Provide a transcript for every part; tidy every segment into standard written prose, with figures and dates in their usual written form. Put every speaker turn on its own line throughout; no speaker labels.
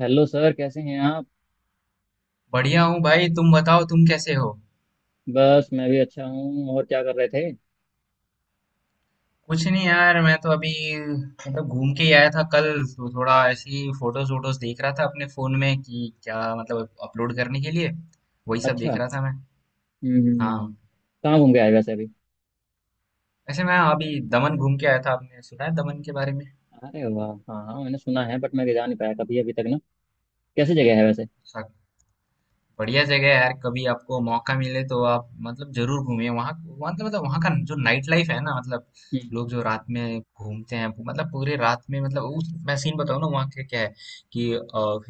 Hello sir, कैसे हैं आप?
बढ़िया हूँ भाई। तुम बताओ, तुम कैसे हो?
बस, मैं भी अच्छा हूँ। और क्या कर रहे थे?
कुछ नहीं यार, मैं तो अभी मतलब घूम के ही आया था कल। तो थोड़ा ऐसे ही फोटोज वोटोज देख रहा था अपने फोन में कि क्या मतलब अपलोड करने के लिए। वही सब देख
अच्छा।
रहा था मैं।
हम्म।
हाँ।
कहाँ घूम के आए वैसे अभी?
वैसे मैं अभी दमन घूम के आया था। आपने सुना है दमन के बारे
अरे वाह, हाँ हाँ, मैंने सुना है। बट मैं जा नहीं पाया कभी अभी तक ना। कैसी जगह है वैसे?
में? बढ़िया जगह है यार, कभी आपको मौका मिले तो आप मतलब जरूर घूमिए वहाँ। वहाँ तो मतलब वहाँ का जो नाइट लाइफ है ना मतलब
हम्म।
लोग जो रात में घूमते हैं मतलब पूरे रात में मतलब उस मैं सीन बताऊँ ना वहाँ का क्या है कि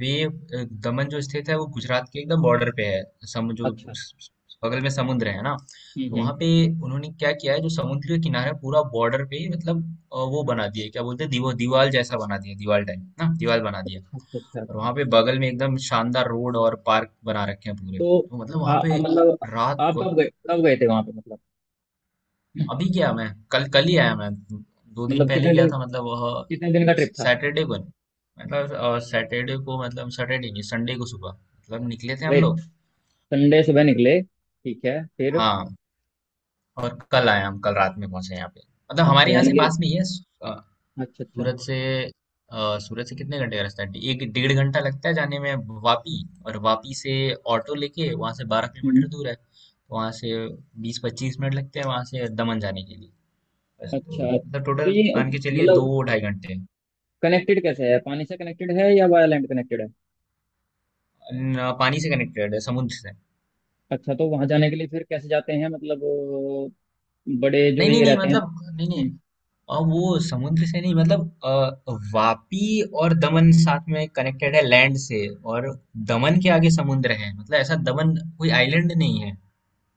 वे दमन जो स्थित है वो गुजरात के एकदम बॉर्डर पे है। समुद्र जो
अच्छा।
बगल में समुद्र है ना। तो वहाँ
हम्म।
पे उन्होंने क्या किया है जो समुद्र के किनारे पूरा बॉर्डर पे ही मतलब वो बना दिया है, क्या बोलते हैं दीवार जैसा बना दिया, दीवार टाइप ना, दीवार बना दिया।
अच्छा अच्छा
और
अच्छा
वहां पे बगल में एकदम शानदार रोड और पार्क बना रखे हैं पूरे,
तो,
तो मतलब
आ,
वहां
आ,
पे
मतलब
रात
आप
को।
कब गए, कब गए थे वहाँ पे मतलब?
अभी गया मैं। कल कल ही आया मैं। दो दिन
मतलब
पहले
कितने
गया
दिन,
था मतलब वह
कितने दिन का ट्रिप था?
सैटरडे को मतलब सैटरडे को मतलब सैटरडे नहीं संडे को सुबह मतलब निकले थे
गए।
हम लोग।
संडे सुबह निकले, ठीक है। फिर?
हाँ, और कल आए, हम कल रात में पहुंचे यहाँ पे। मतलब
अच्छा,
हमारे यहाँ
यानी
से
कि।
पास में ही है सूरत
अच्छा अच्छा।
से। सूरत से कितने घंटे का रास्ता है? एक डेढ़ घंटा लगता है जाने में वापी। और वापी से ऑटो लेके, वहां से 12 किलोमीटर
हम्म।
दूर है। वहां से 20-25 मिनट लगते हैं वहां से दमन जाने के लिए। बस, तो
अच्छा
मतलब
तो
टोटल
ये
मान के चलिए दो
मतलब
ढाई घंटे
कनेक्टेड कैसे है? पानी से कनेक्टेड है या वाया लैंड कनेक्टेड है?
पानी से कनेक्टेड है समुद्र से।
अच्छा, तो वहां जाने के लिए फिर कैसे जाते हैं मतलब बड़े जो
नहीं नहीं
ये
नहीं,
रहते हैं?
मतलब नहीं नहीं।
हम्म।
और वो समुद्र से नहीं मतलब वापी और दमन साथ में कनेक्टेड है लैंड से। और दमन के आगे समुद्र है, मतलब ऐसा दमन कोई आइलैंड नहीं है।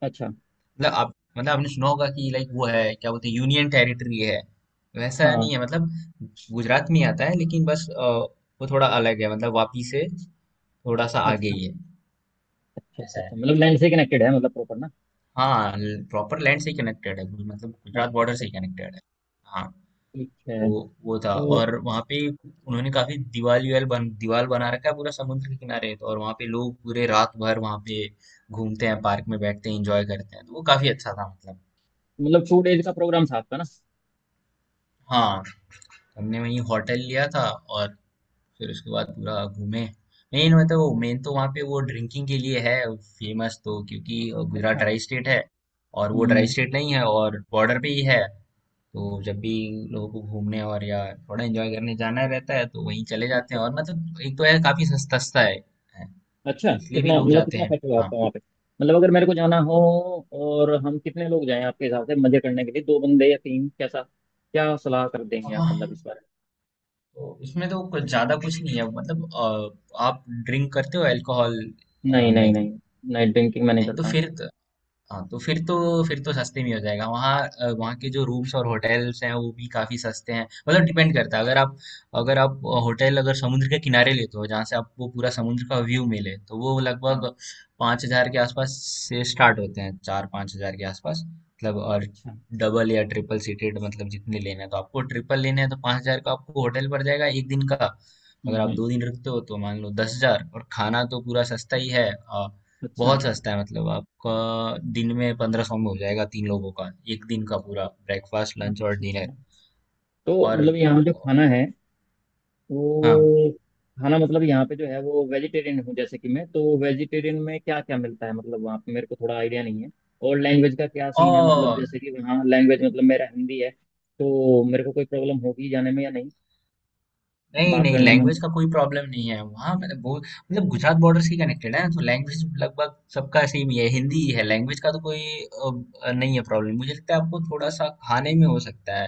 अच्छा,
मतलब आप मतलब आपने सुना होगा कि लाइक वो है क्या बोलते हैं यूनियन टेरिटरी है। वैसा नहीं
हाँ।
है मतलब गुजरात में ही आता है, लेकिन बस वो थोड़ा अलग है मतलब वापी से थोड़ा सा आगे
अच्छा
ही है।
अच्छा अच्छा।
ऐसा है।
अच्छा, मतलब लैंड से कनेक्टेड है मतलब प्रॉपर ना?
हाँ, प्रॉपर लैंड से कनेक्टेड है मतलब गुजरात
अच्छा
बॉर्डर
अच्छा
से
अच्छा।
कनेक्टेड है। हाँ।
ठीक है।
वो वो था।
तो
और वहाँ पे उन्होंने काफी दीवाल वीवाल बन दीवाल बना रखा है पूरा समुद्र के किनारे तो। और वहाँ पे लोग पूरे रात भर वहाँ पे घूमते हैं, पार्क में बैठते हैं, एंजॉय करते हैं, तो वो काफी अच्छा था मतलब।
मतलब 2 डेज का प्रोग्राम था आपका ना?
हाँ। हमने वहीं होटल लिया था और फिर उसके बाद पूरा घूमे। मेन तो वहाँ पे वो ड्रिंकिंग के लिए है फेमस, तो क्योंकि गुजरात
अच्छा।
ड्राई स्टेट है और वो ड्राई
हम्म।
स्टेट नहीं है और बॉर्डर पे ही है। तो जब भी लोगों को घूमने और या थोड़ा एंजॉय करने जाना रहता है तो वहीं चले जाते
अच्छा
हैं
अच्छा
और
अच्छा।
मतलब एक तो है काफी सस्ता सस्ता है,
अच्छा,
तो इसलिए भी
कितना
लोग
मतलब
जाते
कितना
हैं।
खर्च हुआ
हाँ।
आपका वहाँ पे? मतलब अगर मेरे को जाना हो, और हम कितने लोग जाएं आपके हिसाब से मजे करने के लिए, दो बंदे या तीन, कैसा, क्या सलाह कर देंगे आप
हाँ,
मतलब इस बारे में?
तो इसमें तो कुछ ज्यादा कुछ नहीं है मतलब आप ड्रिंक करते हो अल्कोहल?
नहीं नहीं
नहीं।
नहीं। नाइट ड्रिंकिंग मैं नहीं
नहीं, तो
करता हूँ।
फिर हाँ, तो फिर तो सस्ते में हो जाएगा वहाँ। वहाँ के जो रूम्स और होटल्स हैं वो भी काफी सस्ते हैं, मतलब डिपेंड करता है, अगर आप होटल अगर समुद्र के किनारे लेते हो जहाँ से आपको पूरा समुद्र का व्यू मिले तो वो लगभग
हाँ।
5 हजार के आसपास से स्टार्ट होते हैं, 4-5 हजार के आसपास मतलब। और
अच्छा।
डबल या ट्रिपल सीटेड मतलब जितने लेना है, तो आपको ट्रिपल लेना है तो पाँच हजार का आपको होटल पड़ जाएगा एक दिन का। अगर
हम्म
आप
हम्म।
2 दिन रुकते हो तो मान लो 10 हजार। और खाना तो पूरा सस्ता ही है।
अच्छा
बहुत सस्ता है मतलब। आपका दिन में 1500 में हो जाएगा 3 लोगों का, एक दिन का, पूरा ब्रेकफास्ट, लंच और
अच्छा
डिनर।
अच्छा। तो
और
मतलब यहाँ जो खाना है वो,
हाँ।
खाना मतलब यहाँ पे जो है वो, वेजिटेरियन हूँ जैसे कि मैं, तो वेजिटेरियन में क्या क्या मिलता है मतलब वहाँ पे, मेरे को थोड़ा आइडिया नहीं है। और लैंग्वेज का क्या सीन है मतलब,
और
जैसे कि वहाँ लैंग्वेज मतलब मेरा हिंदी है, तो मेरे को कोई प्रॉब्लम होगी जाने में या नहीं,
नहीं
बात
नहीं,
करने में?
लैंग्वेज का कोई प्रॉब्लम नहीं है वहाँ, मतलब बहुत। मतलब गुजरात बॉर्डर से कनेक्टेड है ना, तो लैंग्वेज लगभग सबका सेम ही है, हिंदी ही है, लैंग्वेज का तो कोई नहीं है प्रॉब्लम। मुझे लगता है आपको थोड़ा सा खाने में हो सकता है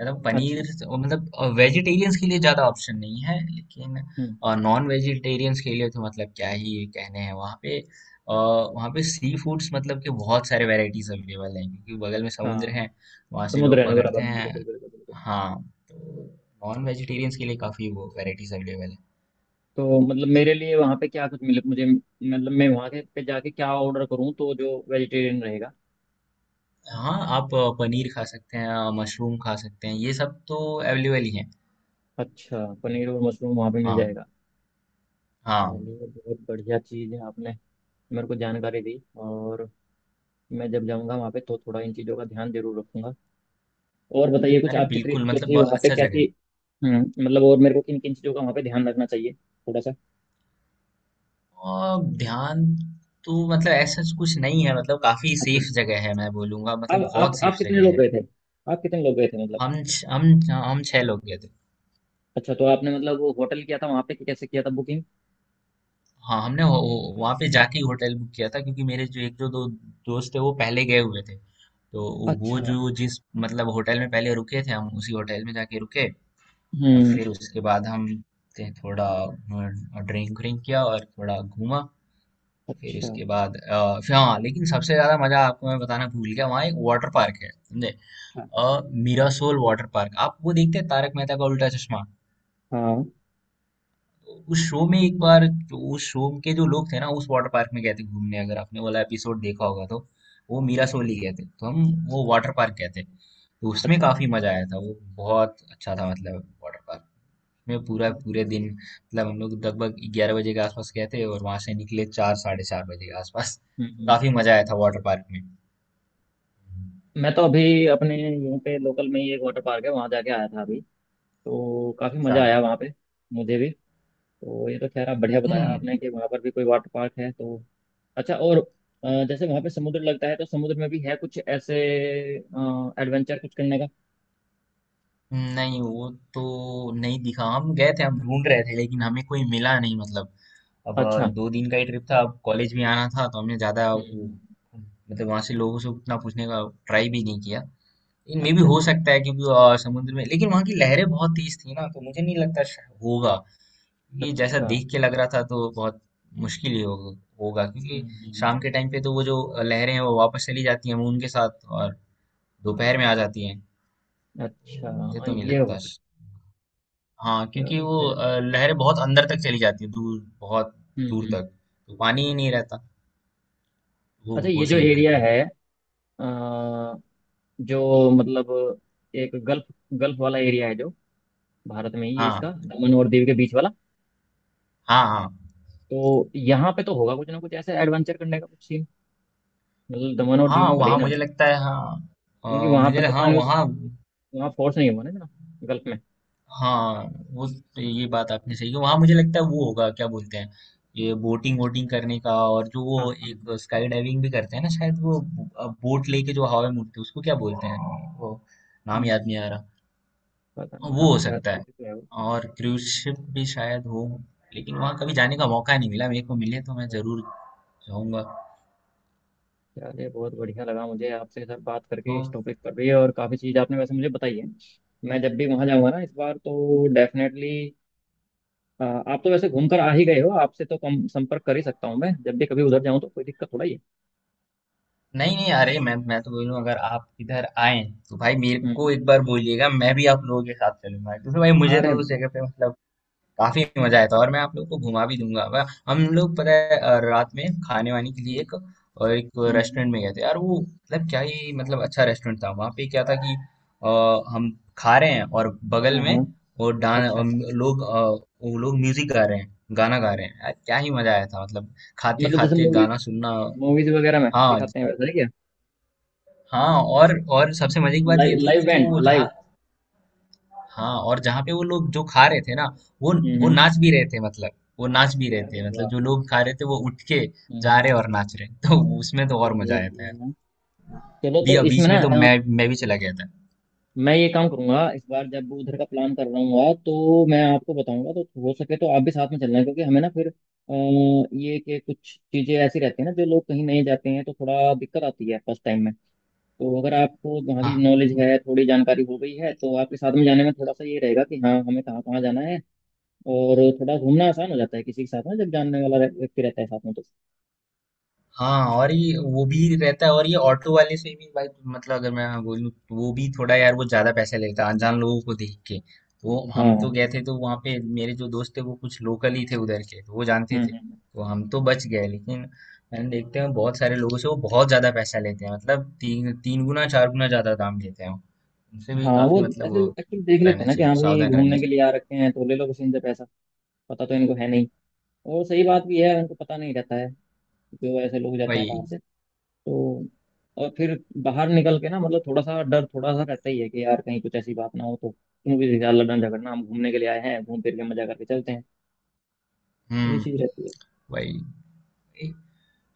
यार,
अच्छा।
और मतलब वेजिटेरियंस के लिए ज्यादा ऑप्शन नहीं है, लेकिन
हम्म।
नॉन वेजिटेरियंस के लिए तो मतलब क्या ही कहने हैं वहाँ पे। अ, वहाँ पे सी फूड्स मतलब कि बहुत सारे वैरायटीज अवेलेबल हैं क्योंकि बगल में समुद्र है,
हाँ।
वहाँ से
समुद्र
लोग
है ना
पकड़ते
बराबर में, बिल्कुल
हैं।
बिल्कुल बिल्कुल।
हाँ, तो नॉन वेजिटेरियंस के लिए काफी वो वैरायटीज अवेलेबल है।
तो मतलब मेरे लिए वहाँ पे क्या कुछ मिले मुझे मतलब, मैं वहाँ के पे जाके क्या ऑर्डर करूँ तो जो वेजिटेरियन रहेगा?
हाँ, आप पनीर खा सकते हैं, मशरूम खा सकते हैं, ये सब तो अवेलेबल ही है।
अच्छा, पनीर और मशरूम वहाँ पे मिल
हाँ।
जाएगा?
हाँ।
चलिए, बहुत बढ़िया चीज़ है, आपने मेरे को जानकारी दी। और मैं जब जाऊँगा वहाँ पे तो थोड़ा इन चीज़ों का ध्यान जरूर रखूंगा। और बताइए कुछ,
अरे
आपकी
बिल्कुल,
ट्रिप जो
मतलब
थी
बहुत
वहाँ पे
अच्छा जगह
कैसी?
है।
हम्म। मतलब, और मेरे को किन किन चीज़ों का वहाँ पे ध्यान रखना चाहिए थोड़ा सा?
ध्यान तो मतलब ऐसा कुछ नहीं है, मतलब काफी
अच्छा।
सेफ जगह है मैं बोलूंगा,
अब
मतलब बहुत
आप
सेफ
आप कितने
जगह
लोग
है।
गए थे? आप कितने लोग गए थे मतलब?
हम छ- हम हम 6 लोग गए थे।
अच्छा तो आपने मतलब वो होटल किया था वहाँ पे, कि कैसे किया था बुकिंग?
हाँ, हमने वहां पे जाके ही होटल बुक किया था क्योंकि मेरे जो एक जो 2 दोस्त थे वो पहले गए हुए थे, तो वो
अच्छा।
जो जिस मतलब होटल में पहले रुके थे, हम उसी होटल में जाके रुके और
हम्म।
फिर उसके बाद हम थे थोड़ा ड्रिंक व्रिंक किया और थोड़ा घूमा। फिर
अच्छा।
उसके बाद फिर हाँ, लेकिन सबसे ज्यादा मजा, आपको मैं बताना भूल गया, वहाँ एक वाटर पार्क है, समझे?
हाँ
मीरासोल वाटर पार्क। आप वो देखते हैं तारक मेहता का उल्टा चश्मा?
हाँ।
तो उस शो में एक बार उस शो के जो लोग थे ना, उस वाटर पार्क में गए थे घूमने, अगर आपने वाला एपिसोड देखा होगा तो वो मीरासोल ही गए थे, तो हम वो वाटर पार्क गए थे तो उसमें
अच्छा,
काफी मजा आया था। वो बहुत अच्छा था मतलब। वाटर पार्क में पूरा पूरे
बढ़िया।
दिन, मतलब हम लोग लगभग 11 बजे के आसपास गए थे और वहां से निकले चार, साढ़े 4 बजे के आसपास। तो काफी मजा आया था
अच्छा।
वाटर पार्क में।
मैं तो अभी अपने यहीं पे लोकल में ही एक वाटर पार्क है, वहाँ जाके आया था अभी। तो काफ़ी
अच्छा।
मज़ा आया वहाँ पे मुझे भी। तो ये तो खैर आप बढ़िया बताया
हम्म।
आपने कि वहाँ पर भी कोई वाटर पार्क है तो। अच्छा, और जैसे वहाँ पे समुद्र लगता है तो समुद्र में भी है कुछ ऐसे एडवेंचर कुछ करने का?
नहीं, वो तो नहीं दिखा, हम गए थे, हम ढूंढ रहे थे लेकिन हमें कोई मिला नहीं, मतलब अब
अच्छा।
2 दिन का ही ट्रिप था, अब कॉलेज भी आना था तो हमने ज्यादा वो
हम्म।
मतलब वहां से लोगों से उतना पूछने का ट्राई भी नहीं किया। लेकिन मे भी
अच्छा
हो
अच्छा अच्छा।
सकता है क्योंकि समुद्र में, लेकिन वहां की लहरें बहुत तेज थी ना, तो मुझे नहीं लगता होगा। ये जैसा
अच्छा।
देख के लग रहा था तो बहुत मुश्किल ही होगा होगा क्योंकि
हम्म।
शाम
हम्म।
के टाइम पे तो वो जो लहरें हैं वो वापस चली जाती हैं उनके साथ और दोपहर में आ जाती हैं। तो
अच्छा,
मुझे
हाँ,
तो नहीं
ये हो
लगता।
सकता
हाँ,
है।
क्योंकि
चलो
वो
खैर।
लहरें बहुत अंदर तक चली जाती है, दूर, बहुत दूर
हम्म।
तक, तो पानी ही नहीं रहता, वो
अच्छा,
वो
ये जो
सीन
एरिया
रहता है।
है, अ, जो मतलब एक गल्फ, गल्फ वाला एरिया है जो भारत में ही है इसका,
हाँ।
दमन और दीव के बीच वाला।
हाँ। हाँ।
तो यहाँ पे तो होगा कुछ ना कुछ ऐसे एडवेंचर करने का कुछ सीन, मतलब दमन और दीव
हाँ
में भले ही
वहाँ
ना
मुझे
हो।
लगता है, हाँ
क्योंकि वहां पर
मुझे
तो
हाँ
पानी उस,
वहाँ
वहाँ फोर्स नहीं हुआ ना इतना, गल्फ में।
हाँ। वो, ये बात आपने सही की, वहाँ मुझे लगता है वो होगा, क्या बोलते हैं ये बोटिंग वोटिंग करने का, और जो
हाँ
वो
हाँ हाँ।
एक स्काई डाइविंग भी करते हैं ना शायद, वो बोट लेके जो हवा में उड़ते हैं उसको क्या बोलते हैं वो, नाम
हम्म।
याद नहीं आ रहा।
पता
हाँ,
नहीं,
वो
हाँ
हो
है
सकता
वो,
है।
तो है वो।
और क्रूज शिप भी शायद हो। लेकिन वहाँ कभी जाने का मौका नहीं मिला मेरे को, मिले तो मैं जरूर
हम्म।
जाऊंगा।
चलिए, बहुत बढ़िया लगा मुझे आपसे सर बात
तो
करके इस टॉपिक पर भी, और काफ़ी चीज़ आपने वैसे मुझे बताई है। मैं जब भी वहाँ जाऊँगा ना इस बार, तो डेफिनेटली। आप तो वैसे घूमकर आ ही गए हो, आपसे तो कम संपर्क कर ही सकता हूँ मैं जब भी कभी उधर जाऊँ, तो कोई दिक्कत थोड़ा ही है।
नहीं नहीं, अरे मैं तो बोलूँ अगर आप इधर आए तो भाई मेरे
हम्म।
को एक बार बोलिएगा, मैं भी आप लोगों के साथ चलूंगा क्योंकि भाई मुझे
अरे
तो उस
वाह।
जगह पे मतलब काफी मजा आया था। और मैं आप लोग को घुमा भी दूंगा। हम लोग, पता है, रात में खाने वाने के लिए
हम्म।
एक और एक रेस्टोरेंट
हम्म।
में गए थे यार, वो मतलब क्या ही मतलब, अच्छा रेस्टोरेंट था वहां पे, क्या था कि अ, हम खा रहे हैं और बगल
हाँ
में
हाँ।
वो डांस
अच्छा।
लोग वो लोग म्यूजिक गा रहे हैं, गाना गा रहे हैं यार, क्या ही मजा आया था मतलब खाते
मतलब जैसे
खाते
मूवीज
गाना सुनना।
मूवीज वगैरह में
हाँ ज-
दिखाते हैं वैसा है क्या?
हाँ, और सबसे मजे की बात
लाइव,
ये थी
लाइव
कि
बैंड,
जो
लाइव।
जहाँ हाँ और जहाँ पे वो लोग जो खा रहे थे ना वो वो
हम्म।
नाच भी रहे थे मतलब वो नाच भी रहे
अरे
थे, मतलब
वाह।
जो लोग खा रहे थे वो उठ के
हम्म।
जा
हम्म।
रहे और नाच रहे, तो उसमें तो और
बढ़िया
मजा आया था यार।
बढ़िया। चलो तो इसमें
बीच में तो
ना,
मैं भी चला गया था।
मैं ये काम करूंगा, इस बार जब उधर का प्लान कर रहा हूँ तो मैं आपको बताऊंगा, तो हो सके तो आप भी साथ में चलना है। क्योंकि हमें ना फिर ये कि कुछ चीजें ऐसी रहती है ना, जो लोग कहीं नहीं जाते हैं तो थोड़ा दिक्कत आती है फर्स्ट टाइम में। तो अगर आपको वहाँ की
हाँ।
नॉलेज है, थोड़ी जानकारी हो गई है, तो आपके साथ में जाने में थोड़ा सा ये रहेगा कि हाँ, हमें कहाँ कहाँ जाना है। और थोड़ा घूमना आसान हो जाता है किसी के साथ में जब जानने वाला व्यक्ति रहता है साथ में तो।
हाँ, और ये वो भी रहता है और ये ऑटो वाले से भी भाई, मतलब अगर मैं बोलूँ तो वो भी थोड़ा यार, वो ज्यादा पैसे लेता है अनजान लोगों को देख के। तो
हाँ।
हम तो गए थे, तो वहाँ पे मेरे जो दोस्त थे वो कुछ लोकल ही थे उधर के, तो वो जानते थे,
हम्म।
तो हम तो बच गए, लेकिन मैंने देखते हैं बहुत सारे लोगों से वो बहुत ज्यादा पैसा लेते हैं, मतलब तीन तीन गुना, चार गुना ज्यादा दाम लेते हैं वो। उनसे भी
हाँ, वो
काफी मतलब
ऐसे
वो
एक्चुअली देख लेते
रहना
हैं ना कि
चाहिए,
हाँ भाई,
सावधान रहना
घूमने के
चाहिए।
लिए आ रखे हैं तो ले लो किसी, इनसे पैसा। पता तो इनको है नहीं। और सही बात भी है, उनको पता नहीं रहता है। जो ऐसे लोग जाते हैं
वही।
बाहर से। तो। और फिर, बाहर निकल के ना मतलब थोड़ा सा डर थोड़ा सा रहता ही है कि यार कहीं कुछ ऐसी बात ना हो तो। क्योंकि यार, लड़ना झगड़ना, हम घूमने के लिए आए हैं, घूम फिर के मजा करके चलते हैं। ये
हम्म।
चीज रहती है।
वही।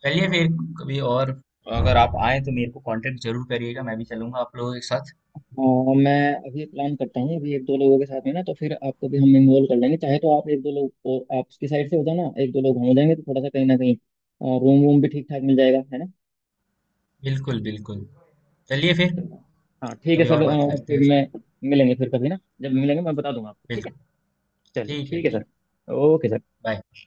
चलिए फिर, कभी और अगर आप आए तो मेरे को कांटेक्ट जरूर करिएगा, मैं भी चलूंगा आप लोगों के साथ।
और मैं अभी प्लान करता हूँ, अभी एक दो लोगों के साथ में ना, तो फिर आपको भी हम इन्वॉल्व कर लेंगे। चाहे तो आप एक दो लोग, और आपकी साइड से हो जाना एक दो लोग, हम हो जाएंगे तो थोड़ा सा कहीं ना कहीं रूम वूम भी ठीक ठाक मिल जाएगा, है ना?
बिल्कुल बिल्कुल। चलिए फिर।
चलो। हाँ ठीक है
कभी
सर,
और बात करते
फिर
हैं।
मैं मिलेंगे फिर कभी ना, जब मिलेंगे मैं बता दूंगा आपको, ठीक है?
बिल्कुल।
चलिए,
ठीक है,
ठीक है
ठीक।
Sir, okay sir.
बाय।